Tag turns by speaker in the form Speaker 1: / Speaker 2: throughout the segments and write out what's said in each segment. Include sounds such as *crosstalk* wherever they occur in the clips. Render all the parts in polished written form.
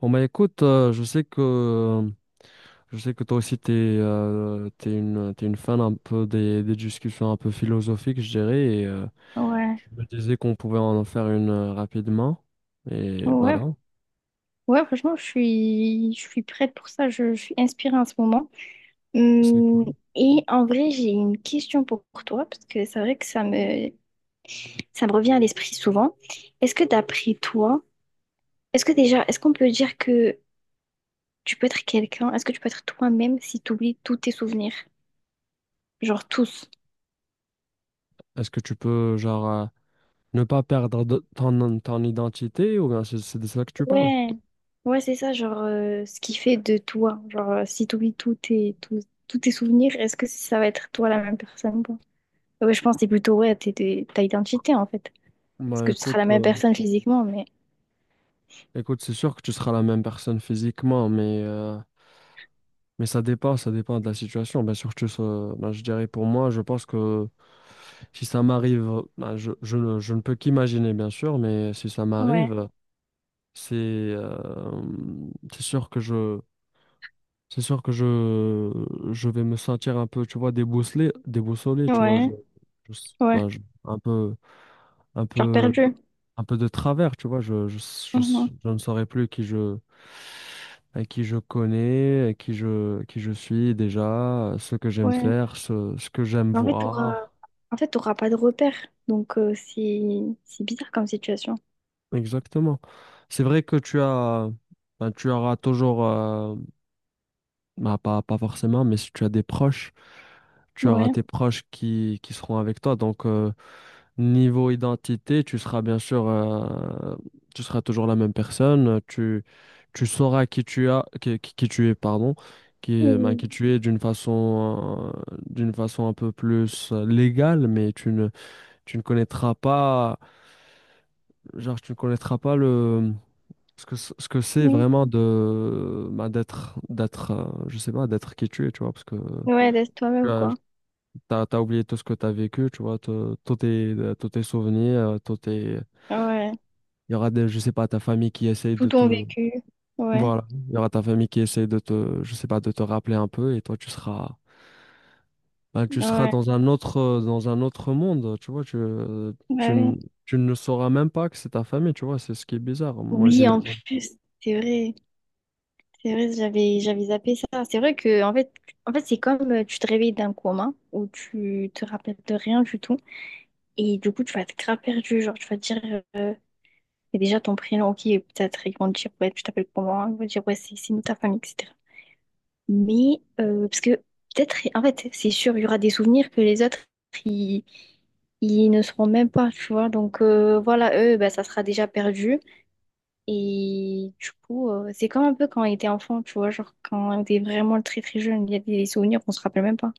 Speaker 1: Bon bah écoute, je sais que toi aussi t'es une fan un peu des discussions un peu philosophiques, je dirais, et
Speaker 2: Ouais,
Speaker 1: je me disais qu'on pouvait en faire une rapidement. Et
Speaker 2: ouais,
Speaker 1: voilà.
Speaker 2: ouais, franchement, je suis prête pour ça, je suis inspirée en ce moment.
Speaker 1: C'est
Speaker 2: Hum,
Speaker 1: cool.
Speaker 2: et en vrai, j'ai une question pour toi, parce que c'est vrai que ça me revient à l'esprit souvent. Est-ce que d'après toi, est-ce que déjà, est-ce qu'on peut dire que tu peux être quelqu'un, est-ce que tu peux être toi-même si tu oublies tous tes souvenirs? Genre tous.
Speaker 1: Est-ce que tu peux genre ne pas perdre ton identité ou bien c'est de ça que tu parles?
Speaker 2: Ouais, ouais, c'est ça, genre ce qui fait de toi. Genre, si tu oublies tous tes souvenirs, est-ce que ça va être toi la même personne? Ouais, je pense que c'est plutôt ouais, ta identité en fait. Parce
Speaker 1: Bah
Speaker 2: que tu seras
Speaker 1: écoute,
Speaker 2: la même personne physiquement, mais
Speaker 1: écoute, c'est sûr que tu seras la même personne physiquement, mais mais ça dépend de la situation. Bien sûr, je dirais pour moi, je pense que si ça m'arrive, ben, je ne peux qu'imaginer, bien sûr, mais si ça
Speaker 2: ouais,
Speaker 1: m'arrive, c'est euh, c'est sûr que je c'est sûr que je vais me sentir un peu, tu vois, déboussolé, déboussolé, tu vois,
Speaker 2: ouais,
Speaker 1: je-
Speaker 2: ouais.
Speaker 1: ben, je- un peu un
Speaker 2: Genre
Speaker 1: peu
Speaker 2: perdu.
Speaker 1: un peu de travers, tu vois,
Speaker 2: Mhm.
Speaker 1: je ne saurais plus à qui je connais, qui je suis déjà, ce que j'aime
Speaker 2: Ouais.
Speaker 1: faire, ce que j'aime
Speaker 2: Mais en fait,
Speaker 1: voir.
Speaker 2: t'auras pas de repère. Donc c'est bizarre comme situation.
Speaker 1: Exactement. C'est vrai que ben, tu auras toujours, ben, pas forcément, mais si tu as des proches tu auras
Speaker 2: Ouais.
Speaker 1: tes proches qui seront avec toi. Donc, niveau identité, tu seras bien sûr, tu seras toujours la même personne. Tu sauras qui tu es, pardon, ben,
Speaker 2: Mhm.
Speaker 1: qui tu es d'une façon un peu plus légale, mais tu ne connaîtras pas, genre, tu ne connaîtras pas le ce que c'est
Speaker 2: Mhm.
Speaker 1: vraiment de bah, d'être je sais pas d'être qui tu es tu vois parce que
Speaker 2: Ouais, laisse
Speaker 1: tu
Speaker 2: toi-même,
Speaker 1: as,
Speaker 2: quoi.
Speaker 1: t'as, t'as oublié tout ce que t'as vécu, tu vois, tous tes souvenirs, tous tes...
Speaker 2: Ouais.
Speaker 1: Il y aura des, je sais pas, ta famille qui essaye
Speaker 2: Tout
Speaker 1: de
Speaker 2: ton
Speaker 1: te...
Speaker 2: vécu. Ouais.
Speaker 1: Voilà, il y aura ta famille qui essaye de te, je sais pas, de te rappeler un peu et toi, tu seras... Ben tu seras
Speaker 2: Ouais.
Speaker 1: dans un autre monde, tu vois,
Speaker 2: Ouais,
Speaker 1: tu,
Speaker 2: ouais.
Speaker 1: n- tu ne sauras même pas que c'est ta famille, tu vois, c'est ce qui est bizarre, moi,
Speaker 2: Oui, en
Speaker 1: j'imagine.
Speaker 2: plus, c'est vrai. C'est vrai, j'avais zappé ça. C'est vrai que en fait, c'est comme tu te réveilles d'un coma où tu te rappelles de rien du tout. Et du coup, tu vas être grave perdu. Genre, tu vas te dire, et déjà ton prénom, ok, peut-être ils vont te dire, ouais, tu t'appelles comment? Ils vont te dire, ouais, c'est nous ta famille, etc. Mais, parce que peut-être, en fait, c'est sûr, il y aura des souvenirs que les autres, ils, ils ne seront même pas, tu vois. Donc, voilà, eux, bah, ça sera déjà perdu. Et du coup, c'est comme un peu quand on était enfant, tu vois, genre quand on était vraiment très très jeune, il y a des souvenirs qu'on se rappelle même pas.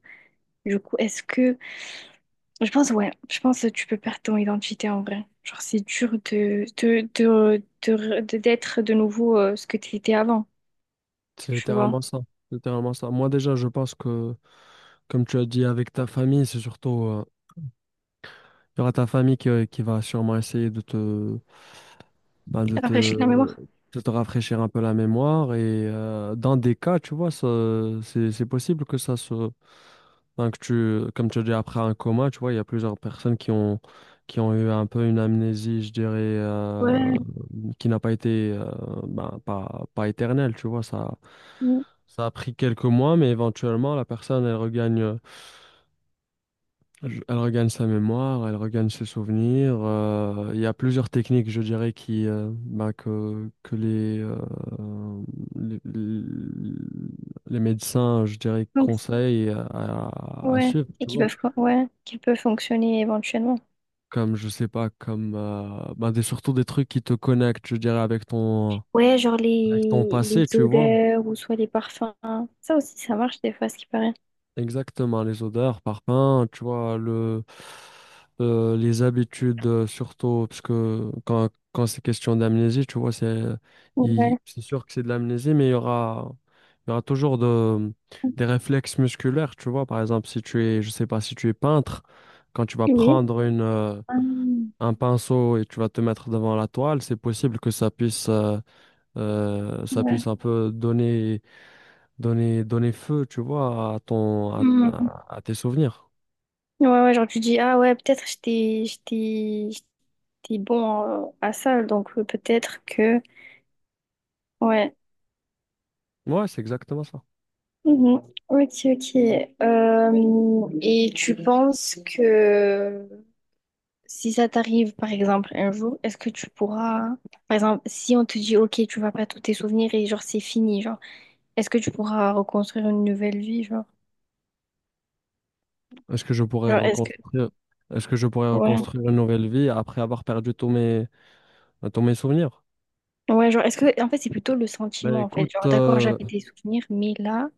Speaker 2: Du coup, est-ce que Je pense, ouais, je pense que tu peux perdre ton identité en vrai. Genre, c'est dur d'être de nouveau ce que tu étais avant,
Speaker 1: C'est
Speaker 2: tu vois.
Speaker 1: littéralement ça, littéralement ça. Moi, déjà, comme tu as dit, avec ta famille, c'est surtout... il y aura ta famille qui va sûrement essayer de te ben,
Speaker 2: Rafraîchir la mémoire.
Speaker 1: de te rafraîchir un peu la mémoire. Et dans des cas, tu vois, ça, c'est possible que ça se... Ben, que tu, comme tu as dit, après un coma, tu vois, il y a plusieurs personnes qui ont eu un peu une amnésie, je dirais,
Speaker 2: Ouais.
Speaker 1: qui n'a pas été, ben, pas éternelle, tu vois.
Speaker 2: Mm.
Speaker 1: Ça a pris quelques mois, mais éventuellement, la personne, elle regagne... Je- elle regagne sa mémoire, elle regagne ses souvenirs. Il y a plusieurs techniques, je dirais, que les, les, les médecins, je dirais,
Speaker 2: Donc,
Speaker 1: conseillent à
Speaker 2: ouais.
Speaker 1: suivre,
Speaker 2: Et
Speaker 1: tu
Speaker 2: qui
Speaker 1: vois.
Speaker 2: peuvent, ouais, qui peuvent fonctionner éventuellement.
Speaker 1: Comme, je sais pas, surtout des trucs qui te connectent, je dirais,
Speaker 2: Ouais, genre
Speaker 1: avec ton passé,
Speaker 2: les
Speaker 1: tu vois.
Speaker 2: odeurs ou soit les parfums. Ça aussi, ça marche des fois, ce qui paraît.
Speaker 1: Exactement, les odeurs, parfums, tu vois, les habitudes, surtout, parce que quand c'est question d'amnésie, tu vois,
Speaker 2: Ouais.
Speaker 1: c'est sûr que c'est de l'amnésie, mais il y aura toujours des réflexes musculaires, tu vois. Par exemple, si tu es, je sais pas, si tu es peintre, quand tu vas
Speaker 2: Oui.
Speaker 1: prendre
Speaker 2: Hum,
Speaker 1: un pinceau et tu vas te mettre devant la toile, c'est possible que ça puisse un peu donner donner feu, tu vois, à ton,
Speaker 2: ouais.
Speaker 1: à tes souvenirs.
Speaker 2: Ouais, ouais, genre tu dis, ah ouais, peut-être j'étais bon à ça, donc peut-être que... Ouais.
Speaker 1: Ouais, c'est exactement ça.
Speaker 2: Mhm. Ok, ok. Euh, et tu penses que si ça t'arrive, par exemple, un jour, est-ce que tu pourras... Par exemple, si on te dit, ok, tu vas pas tous tes souvenirs et genre c'est fini, genre, est-ce que tu pourras reconstruire une nouvelle vie, genre?
Speaker 1: Est-ce que je pourrais
Speaker 2: Genre, est-ce que...
Speaker 1: reconstruire, est-ce que je pourrais
Speaker 2: Ouais.
Speaker 1: reconstruire une nouvelle vie après avoir perdu tous mes souvenirs?
Speaker 2: Ouais, genre, est-ce que... En fait, c'est plutôt le
Speaker 1: Ben
Speaker 2: sentiment, en fait.
Speaker 1: écoute,
Speaker 2: Genre, d'accord, j'avais des souvenirs, mais là,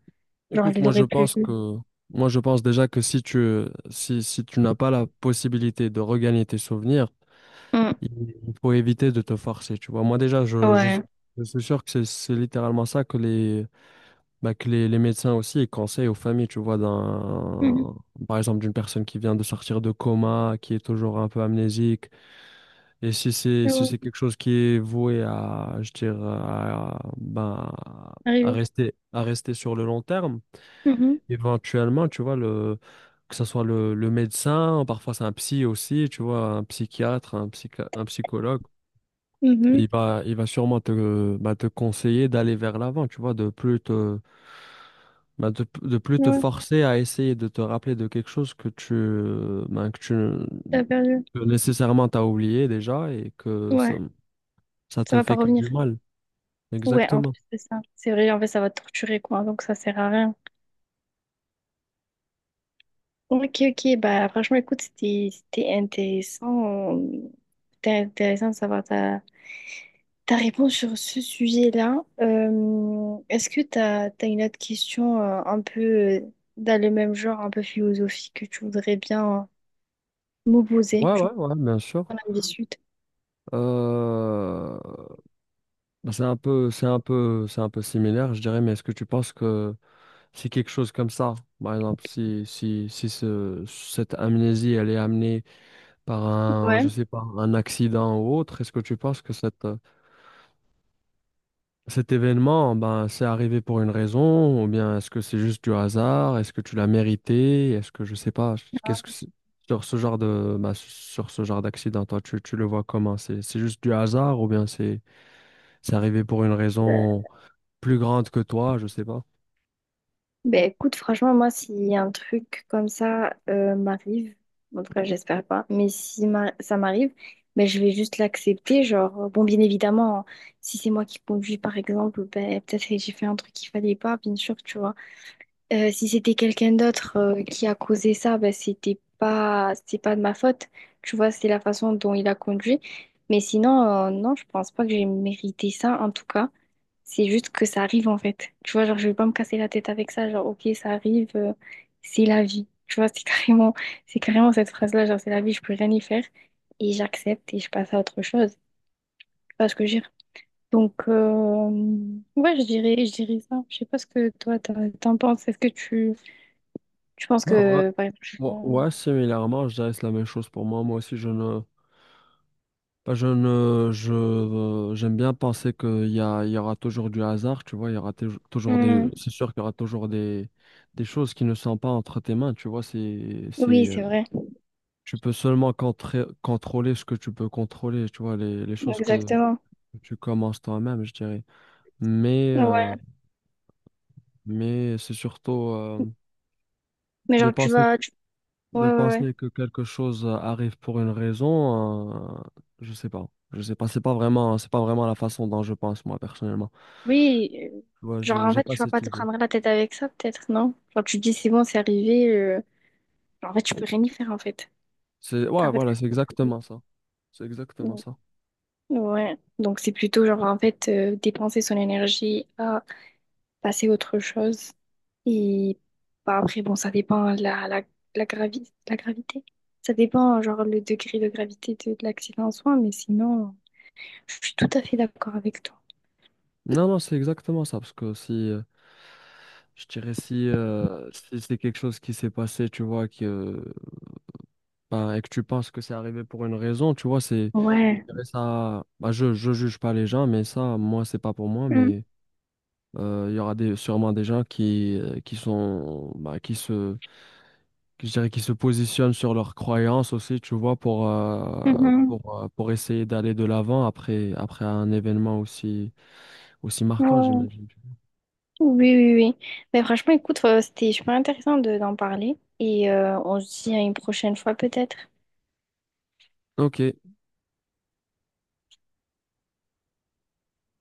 Speaker 2: genre, je
Speaker 1: écoute,
Speaker 2: les aurais plus.
Speaker 1: moi je pense déjà que si tu, si tu n'as pas la possibilité de regagner tes souvenirs, il il faut éviter de te forcer, tu vois. Moi déjà,
Speaker 2: Ouais.
Speaker 1: je suis sûr que c'est littéralement ça que les Bah, les médecins aussi ils conseillent aux familles, tu vois,
Speaker 2: Mhm.
Speaker 1: par exemple, d'une personne qui vient de sortir de coma, qui est toujours un peu amnésique. Et si
Speaker 2: Ouais, ouais.
Speaker 1: c'est quelque chose qui est voué à, je dirais, à, ben,
Speaker 2: Arrivé.
Speaker 1: à rester sur le long terme,
Speaker 2: Mhm.
Speaker 1: éventuellement, tu vois, que ce soit le médecin, parfois c'est un psy aussi, tu vois, un psychiatre, un psychologue,
Speaker 2: Mhm.
Speaker 1: il va sûrement te, bah, te conseiller d'aller vers l'avant, tu vois, de plus te bah, de plus te
Speaker 2: Ouais,
Speaker 1: forcer à essayer de te rappeler de quelque chose que tu, ben,
Speaker 2: t'as perdu.
Speaker 1: que nécessairement t'as oublié déjà et que
Speaker 2: Ouais,
Speaker 1: ça
Speaker 2: ça
Speaker 1: te
Speaker 2: va pas
Speaker 1: fait que
Speaker 2: revenir.
Speaker 1: du mal.
Speaker 2: Ouais, en
Speaker 1: Exactement.
Speaker 2: plus c'est ça. C'est vrai, en fait, ça va te torturer, quoi. Donc, ça sert à rien. Ok, ok. Bah, franchement, écoute, c'était intéressant. C'était intéressant de savoir ta réponse sur ce sujet-là. Est-ce que t'as une autre question un peu dans le même genre, un peu philosophique, que tu voudrais bien m'opposer,
Speaker 1: Ouais, ouais,
Speaker 2: genre,
Speaker 1: ouais, bien sûr.
Speaker 2: dans la suite?
Speaker 1: Euh, bah, c'est un peu similaire, je dirais, mais est-ce que tu penses que si quelque chose comme ça, par exemple, si cette amnésie, elle est amenée par un, je
Speaker 2: Ouais.
Speaker 1: sais pas, un accident ou autre, est-ce que tu penses que cette, cet événement, ben, c'est arrivé pour une raison, ou bien est-ce que c'est juste du hasard? Est-ce que tu l'as mérité? Est-ce que je sais pas, qu'est-ce que c'est- sur ce genre de, ben, sur ce genre d'accident, toi, tu le vois comment? C'est juste du hasard ou bien c'est arrivé pour une raison plus grande que toi, je sais pas.
Speaker 2: Ben écoute, franchement, moi, si un truc comme ça m'arrive, en tout cas, j'espère pas, mais si ça m'arrive, ben je vais juste l'accepter. Genre, bon, bien évidemment, si c'est moi qui conduis, par exemple, ben peut-être que j'ai fait un truc qu'il fallait pas, bien sûr, tu vois. Si c'était quelqu'un d'autre qui a causé ça, ben, c'est pas de ma faute. Tu vois, c'est la façon dont il a conduit. Mais sinon, non, je pense pas que j'ai mérité ça, en tout cas. C'est juste que ça arrive, en fait. Tu vois, genre, je vais pas me casser la tête avec ça. Genre, ok, ça arrive, c'est la vie. Tu vois, c'est *laughs* carrément, c'est carrément cette phrase-là, genre, c'est la vie, je peux rien y faire. Et j'accepte et je passe à autre chose. Tu vois ce que je veux dire? Donc, ouais, je dirais ça. Je sais pas ce que toi, t'en penses. Est-ce que tu je pense
Speaker 1: Ben ouais,
Speaker 2: que, par exemple, je-
Speaker 1: ouais, similairement, je dirais que c'est la même chose pour moi. Moi aussi, je ne, j'aime bien penser il y aura toujours du hasard, tu vois, il y aura tou- toujours des,
Speaker 2: Hmm.
Speaker 1: c'est sûr qu'il y aura toujours des choses qui ne sont pas entre tes mains, tu vois,
Speaker 2: Oui, c'est vrai.
Speaker 1: tu peux seulement contrôler ce que tu peux contrôler, tu vois, les choses que
Speaker 2: Exactement.
Speaker 1: tu commences toi-même, je dirais. Mais, euh,
Speaker 2: Ouais.
Speaker 1: mais c'est surtout
Speaker 2: Mais
Speaker 1: de
Speaker 2: genre,
Speaker 1: penser,
Speaker 2: tu- Ouais,
Speaker 1: de
Speaker 2: ouais, ouais.
Speaker 1: penser que quelque chose arrive pour une raison, je sais pas, c'est pas vraiment la façon dont je pense moi personnellement.
Speaker 2: Oui,
Speaker 1: Ouais,
Speaker 2: genre,
Speaker 1: je
Speaker 2: en
Speaker 1: j'ai
Speaker 2: fait,
Speaker 1: pas
Speaker 2: tu vas
Speaker 1: cette
Speaker 2: pas te
Speaker 1: idée.
Speaker 2: prendre la tête avec ça, peut-être, non? Genre, tu te dis, c'est bon, c'est arrivé. En fait, tu peux rien y faire, en fait.
Speaker 1: C'est ouais,
Speaker 2: En fait,
Speaker 1: voilà, c'est exactement ça. C'est exactement
Speaker 2: donc,
Speaker 1: ça.
Speaker 2: ouais. Donc, c'est plutôt, genre, en fait, dépenser son énergie à passer à autre chose. Et bah, après, bon, ça dépend de la gravité. Ça dépend, genre, le degré de gravité de l'accident en soi, mais sinon... Je suis tout à fait d'accord avec toi.
Speaker 1: Non, non, c'est exactement ça parce que si je dirais si, si c'est quelque chose qui s'est passé, tu vois, ben, et que tu penses que c'est arrivé pour une raison, tu vois, c'est
Speaker 2: Ouais.
Speaker 1: je dirais ça. Bah, je juge pas les gens, mais ça, moi, c'est pas pour moi,
Speaker 2: Mm,
Speaker 1: mais il y aura des, sûrement des gens qui sont bah, qui se je dirais qu'ils se positionnent sur leurs croyances aussi, tu vois,
Speaker 2: mhm.
Speaker 1: pour essayer d'aller de l'avant après, après un événement aussi, aussi marquant,
Speaker 2: Ouais.
Speaker 1: j'imagine.
Speaker 2: Oui, oui, oui. Mais franchement, écoute, c'était super intéressant d'en parler. Et on se dit à une prochaine fois peut-être.
Speaker 1: Ok,